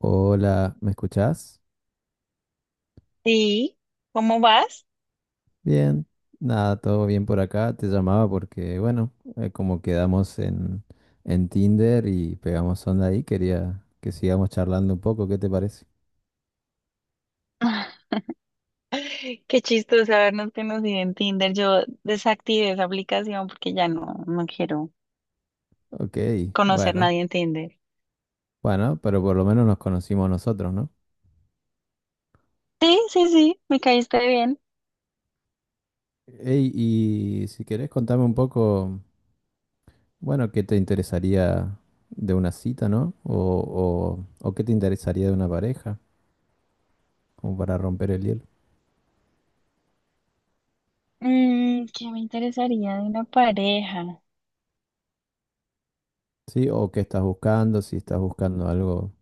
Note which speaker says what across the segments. Speaker 1: Hola, ¿me escuchás?
Speaker 2: Sí, ¿cómo vas?
Speaker 1: Bien, nada, todo bien por acá. Te llamaba porque, bueno, como quedamos en Tinder y pegamos onda ahí, quería que sigamos charlando un poco, ¿qué te parece?
Speaker 2: Ah, qué chistoso habernos conocido en Tinder. Yo desactivé esa aplicación porque ya no, no quiero
Speaker 1: Ok,
Speaker 2: conocer
Speaker 1: bueno,
Speaker 2: nadie en Tinder.
Speaker 1: bueno, pero por lo menos nos conocimos nosotros, ¿no?
Speaker 2: Sí, sí, sí, me caíste bien.
Speaker 1: Ey, y si querés contame un poco, bueno, ¿qué te interesaría de una cita, ¿no? O qué te interesaría de una pareja, como para romper el hielo.
Speaker 2: ¿Qué me interesaría de una pareja?
Speaker 1: Sí, o qué estás buscando, si estás buscando algo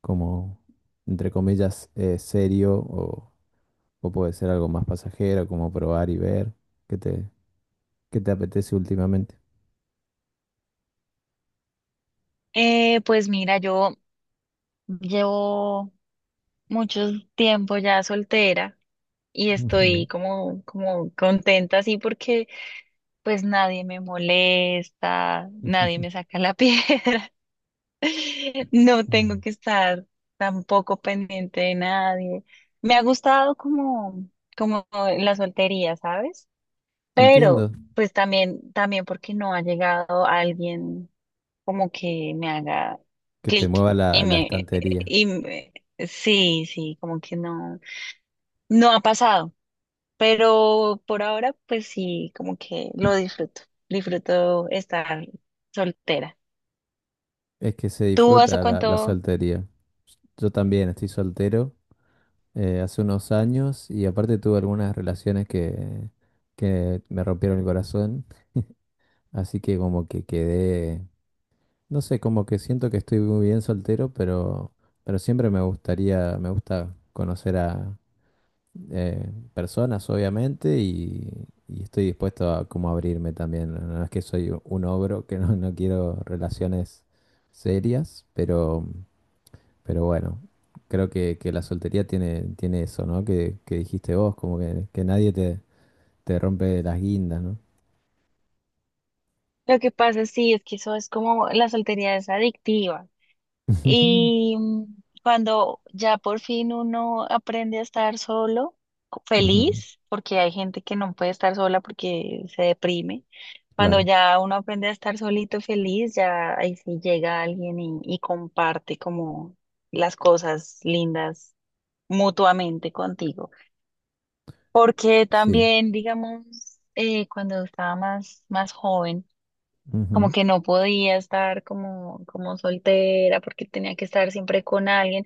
Speaker 1: como, entre comillas, serio o puede ser algo más pasajero, como probar y ver qué te, qué te apetece últimamente.
Speaker 2: Pues mira, yo llevo mucho tiempo ya soltera y
Speaker 1: Ujú.
Speaker 2: estoy como contenta así porque pues nadie me molesta, nadie me saca la piedra. No tengo
Speaker 1: Mm.
Speaker 2: que estar tampoco pendiente de nadie. Me ha gustado como, como la soltería, ¿sabes?
Speaker 1: Entiendo
Speaker 2: Pero pues también porque no ha llegado alguien como que me haga
Speaker 1: que te
Speaker 2: clic
Speaker 1: mueva la estantería.
Speaker 2: y me- sí, sí, como que no, no ha pasado. Pero por ahora, pues sí, como que lo disfruto. Disfruto estar soltera.
Speaker 1: Es que se
Speaker 2: ¿Tú hace
Speaker 1: disfruta la
Speaker 2: cuánto?
Speaker 1: soltería. Yo también estoy soltero hace unos años y aparte tuve algunas relaciones que me rompieron el corazón. Así que como que quedé. No sé, como que siento que estoy muy bien soltero, pero siempre me gustaría, me gusta conocer a personas, obviamente, y estoy dispuesto a como abrirme también. No es que soy un ogro, que no, no quiero relaciones serias, pero bueno, creo que la soltería tiene, tiene eso, ¿no? Que dijiste vos, como que nadie te, te rompe las guindas, ¿no?
Speaker 2: Lo que pasa, sí, es que eso es como la soltería es adictiva. Y cuando ya por fin uno aprende a estar solo,
Speaker 1: Ujú, ujú,
Speaker 2: feliz, porque hay gente que no puede estar sola porque se deprime. Cuando
Speaker 1: claro,
Speaker 2: ya uno aprende a estar solito feliz, ya ahí sí llega alguien y comparte como las cosas lindas mutuamente contigo. Porque
Speaker 1: sí,
Speaker 2: también, digamos, cuando estaba más joven, como
Speaker 1: ujú,
Speaker 2: que no podía estar como, como soltera porque tenía que estar siempre con alguien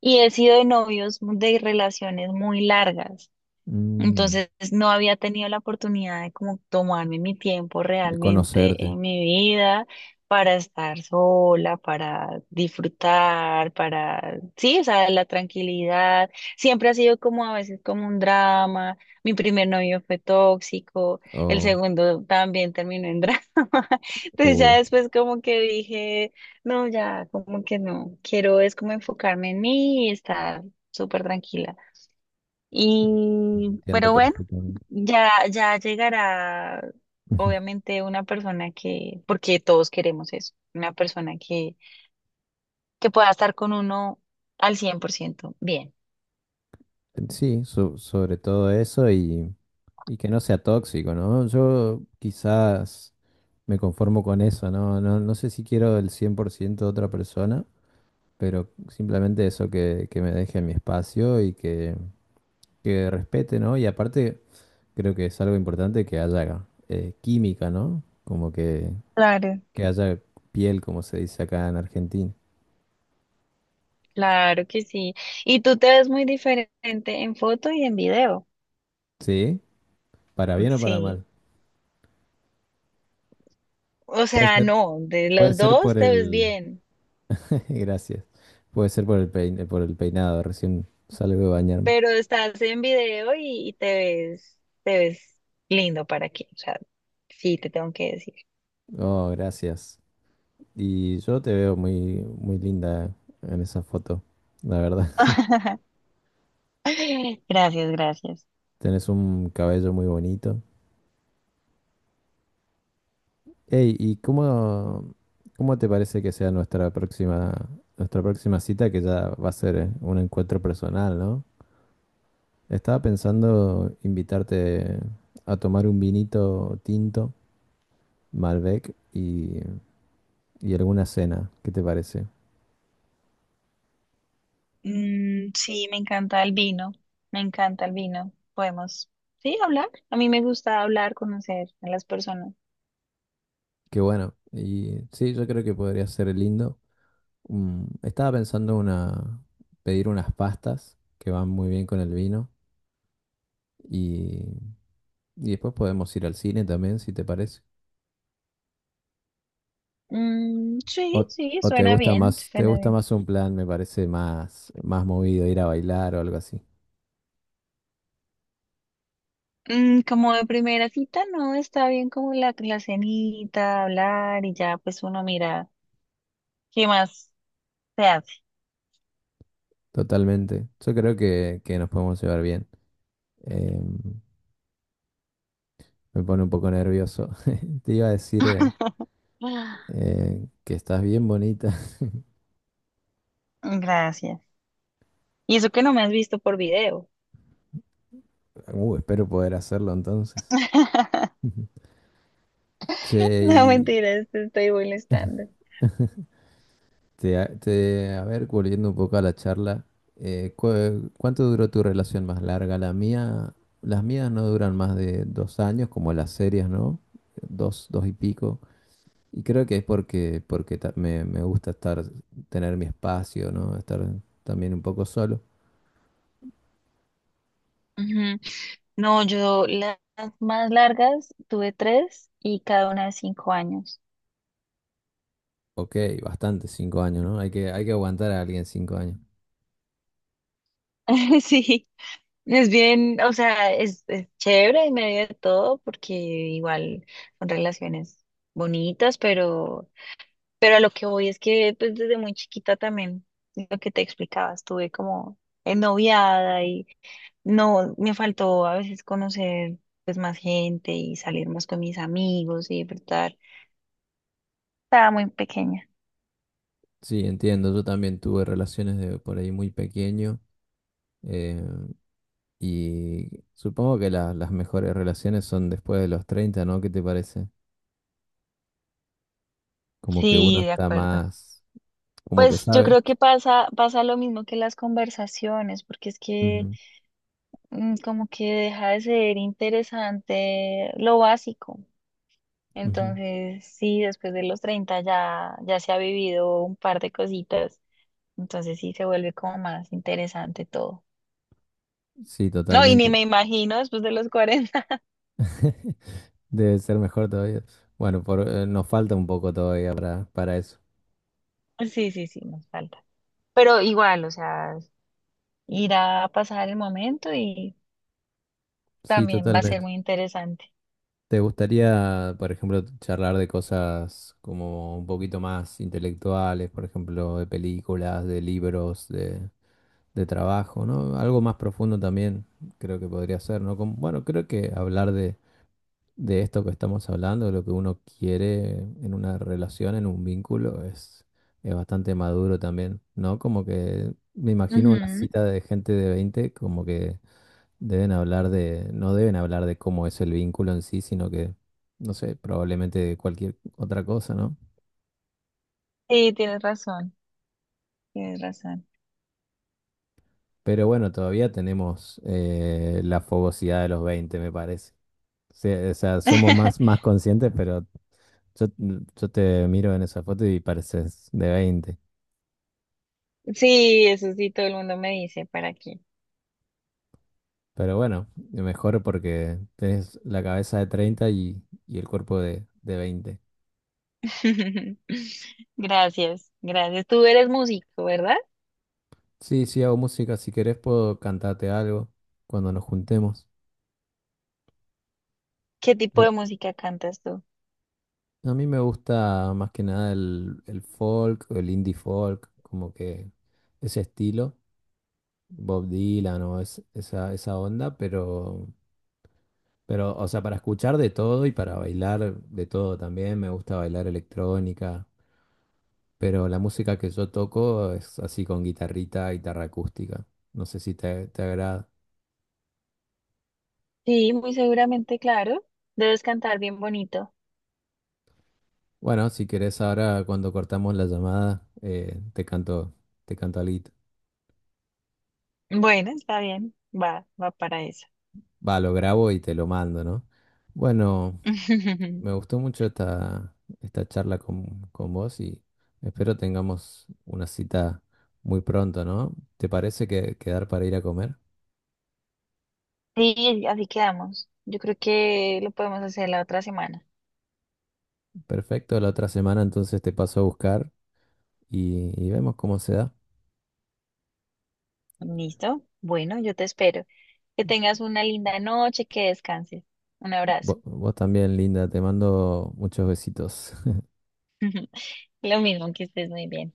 Speaker 2: y he sido de novios de relaciones muy largas.
Speaker 1: mm,
Speaker 2: Entonces no había tenido la oportunidad de como tomarme mi tiempo
Speaker 1: de
Speaker 2: realmente
Speaker 1: conocerte.
Speaker 2: en mi vida para estar sola, para disfrutar, para, sí, o sea, la tranquilidad. Siempre ha sido como a veces como un drama. Mi primer novio fue tóxico, el
Speaker 1: O
Speaker 2: segundo también terminó en drama. Entonces ya
Speaker 1: o
Speaker 2: después como que dije, no, ya, como que no, quiero es como enfocarme en mí y estar súper tranquila. Y,
Speaker 1: entiendo
Speaker 2: pero bueno.
Speaker 1: perfectamente.
Speaker 2: Ya, ya llegará,
Speaker 1: Ujú.
Speaker 2: obviamente, una persona que, porque todos queremos eso, una persona que pueda estar con uno al 100% bien.
Speaker 1: Sí, sobre todo eso y que no sea tóxico, ¿no? Yo quizás me conformo con eso, ¿no? No, no sé si quiero el 100% de otra persona, pero simplemente eso que me deje mi espacio y que respete, ¿no? Y aparte creo que es algo importante que haya química, ¿no? Como
Speaker 2: Claro,
Speaker 1: que haya piel, como se dice acá en Argentina.
Speaker 2: claro que sí. Y tú te ves muy diferente en foto y en video.
Speaker 1: ¿Sí? ¿Para bien o para
Speaker 2: Sí.
Speaker 1: mal?
Speaker 2: O
Speaker 1: Puede
Speaker 2: sea,
Speaker 1: ser,
Speaker 2: no, de
Speaker 1: puede
Speaker 2: los
Speaker 1: ser
Speaker 2: dos
Speaker 1: por
Speaker 2: te ves
Speaker 1: el.
Speaker 2: bien,
Speaker 1: Gracias. Puede ser por el por el peinado. Recién salgo de bañarme.
Speaker 2: pero estás en video y te ves lindo para qué. O sea, sí, te tengo que decir.
Speaker 1: Oh, gracias. Y yo te veo muy, muy linda en esa foto, la verdad.
Speaker 2: Gracias, gracias.
Speaker 1: Tenés un cabello muy bonito. Ey, ¿y cómo, cómo te parece que sea nuestra próxima cita, que ya va a ser un encuentro personal, ¿no? Estaba pensando invitarte a tomar un vinito tinto, Malbec, y alguna cena, ¿qué te parece?
Speaker 2: Mm, sí, me encanta el vino, me encanta el vino. Podemos, sí, hablar. A mí me gusta hablar, conocer a las personas.
Speaker 1: Qué bueno. Y sí, yo creo que podría ser lindo. Mm, estaba pensando una pedir unas pastas que van muy bien con el vino y, y después podemos ir al cine también, si te parece.
Speaker 2: Mm,
Speaker 1: O,
Speaker 2: sí, sí,
Speaker 1: o
Speaker 2: suena bien,
Speaker 1: te
Speaker 2: suena
Speaker 1: gusta
Speaker 2: bien.
Speaker 1: más un plan, me parece más, más movido, ir a bailar o algo así.
Speaker 2: Como de primera cita, no, está bien como la cenita, hablar y ya, pues uno mira qué más se hace.
Speaker 1: Totalmente. Yo creo que nos podemos llevar bien. Em, me pone un poco nervioso. Te iba a decir
Speaker 2: Ah,
Speaker 1: que estás bien bonita.
Speaker 2: gracias. Y eso que no me has visto por video.
Speaker 1: Espero poder hacerlo entonces. Che,
Speaker 2: No,
Speaker 1: y
Speaker 2: mentiras, te estoy molestando.
Speaker 1: te, a ver, volviendo un poco a la charla, ¿cuánto duró tu relación más larga? La mía, las mías no duran más de dos años, como las series, ¿no? Dos, dos y pico. Y creo que es porque, porque me, me gusta estar, tener mi espacio, ¿no? Estar también un poco solo.
Speaker 2: Ujú. No, yo las más largas tuve tres y cada una de 5 años.
Speaker 1: Ok, bastante, 5 años, ¿no? Hay que aguantar a alguien 5 años.
Speaker 2: Sí, es bien, o sea, es chévere en medio de todo porque igual son relaciones bonitas, pero a lo que voy es que pues, desde muy chiquita también, lo que te explicaba, estuve como ennoviada y no, me faltó a veces conocer pues más gente y salir más con mis amigos y disfrutar. Estaba muy pequeña.
Speaker 1: Sí, entiendo. Yo también tuve relaciones de por ahí muy pequeño. eh, Y supongo que las mejores relaciones son después de los 30 ¿no? ¿Qué te parece? Como que uno
Speaker 2: Sí, de
Speaker 1: está
Speaker 2: acuerdo.
Speaker 1: más, como que
Speaker 2: Pues yo
Speaker 1: sabe.
Speaker 2: creo que pasa lo mismo que las conversaciones, porque es que
Speaker 1: Ujú,
Speaker 2: como que deja de ser interesante lo básico.
Speaker 1: ujú.
Speaker 2: Entonces, sí, después de los 30 ya, ya se ha vivido un par de cositas. Entonces sí se vuelve como más interesante todo.
Speaker 1: Sí,
Speaker 2: No, y ni
Speaker 1: totalmente.
Speaker 2: me imagino después de los 40.
Speaker 1: Debe ser mejor todavía. Bueno, por, nos falta un poco todavía para eso.
Speaker 2: Sí, sí, sí, nos falta. Pero igual, o sea, irá a pasar el momento y
Speaker 1: Sí,
Speaker 2: también va a ser
Speaker 1: totalmente.
Speaker 2: muy interesante.
Speaker 1: ¿Te gustaría, por ejemplo, charlar de cosas como un poquito más intelectuales, por ejemplo, de películas, de libros, de trabajo, ¿no? Algo más profundo también creo que podría ser, ¿no? Como- bueno, creo que hablar de esto que estamos hablando, de lo que uno quiere en una relación, en un vínculo, es bastante maduro también, ¿no? Como que me imagino una cita de gente de 20 como que deben hablar de, no deben hablar de cómo es el vínculo en sí, sino que, no sé, probablemente de cualquier otra cosa, ¿no?
Speaker 2: Sí, tienes razón, tienes razón.
Speaker 1: Pero bueno, todavía tenemos la fogosidad de los 20 me parece. Sí, o sea, somos más, más conscientes, pero yo, yo te miro en esa foto y pareces de 20.
Speaker 2: Sí, eso sí, todo el mundo me dice, ¿para qué?
Speaker 1: Pero bueno, mejor porque tenés la cabeza de 30 y el cuerpo de 20.
Speaker 2: Gracias, gracias. Tú eres músico, ¿verdad?
Speaker 1: Sí, sí, hago música. Si querés, puedo cantarte algo cuando nos juntemos.
Speaker 2: ¿Qué tipo
Speaker 1: Yo,
Speaker 2: de música cantas tú?
Speaker 1: a mí me gusta más que nada el, el folk, el indie folk, como que ese estilo, Bob Dylan o esa, esa onda, pero. Pero, o sea, para escuchar de todo y para bailar de todo también, me gusta bailar electrónica, pero la música que yo toco es así con guitarrita, guitarra acústica. No sé si te, te agrada.
Speaker 2: Sí, muy seguramente, claro. Debes cantar bien bonito.
Speaker 1: Bueno, si querés ahora cuando cortamos la llamada, te canto algo.
Speaker 2: Bueno, está bien, va, va para eso.
Speaker 1: Va, lo grabo y te lo mando, ¿no? Bueno, me gustó mucho esta, esta charla con vos y espero tengamos una cita muy pronto, ¿no? ¿Te parece que quedar para ir a comer?
Speaker 2: Sí, así quedamos. Yo creo que lo podemos hacer la otra semana.
Speaker 1: Perfecto, la otra semana entonces te paso a buscar y vemos cómo se da.
Speaker 2: ¿Listo? Bueno, yo te espero. Que tengas una linda noche, que descanses. Un abrazo.
Speaker 1: Vos, también, linda, te mando muchos besitos.
Speaker 2: Lo mismo que estés muy bien.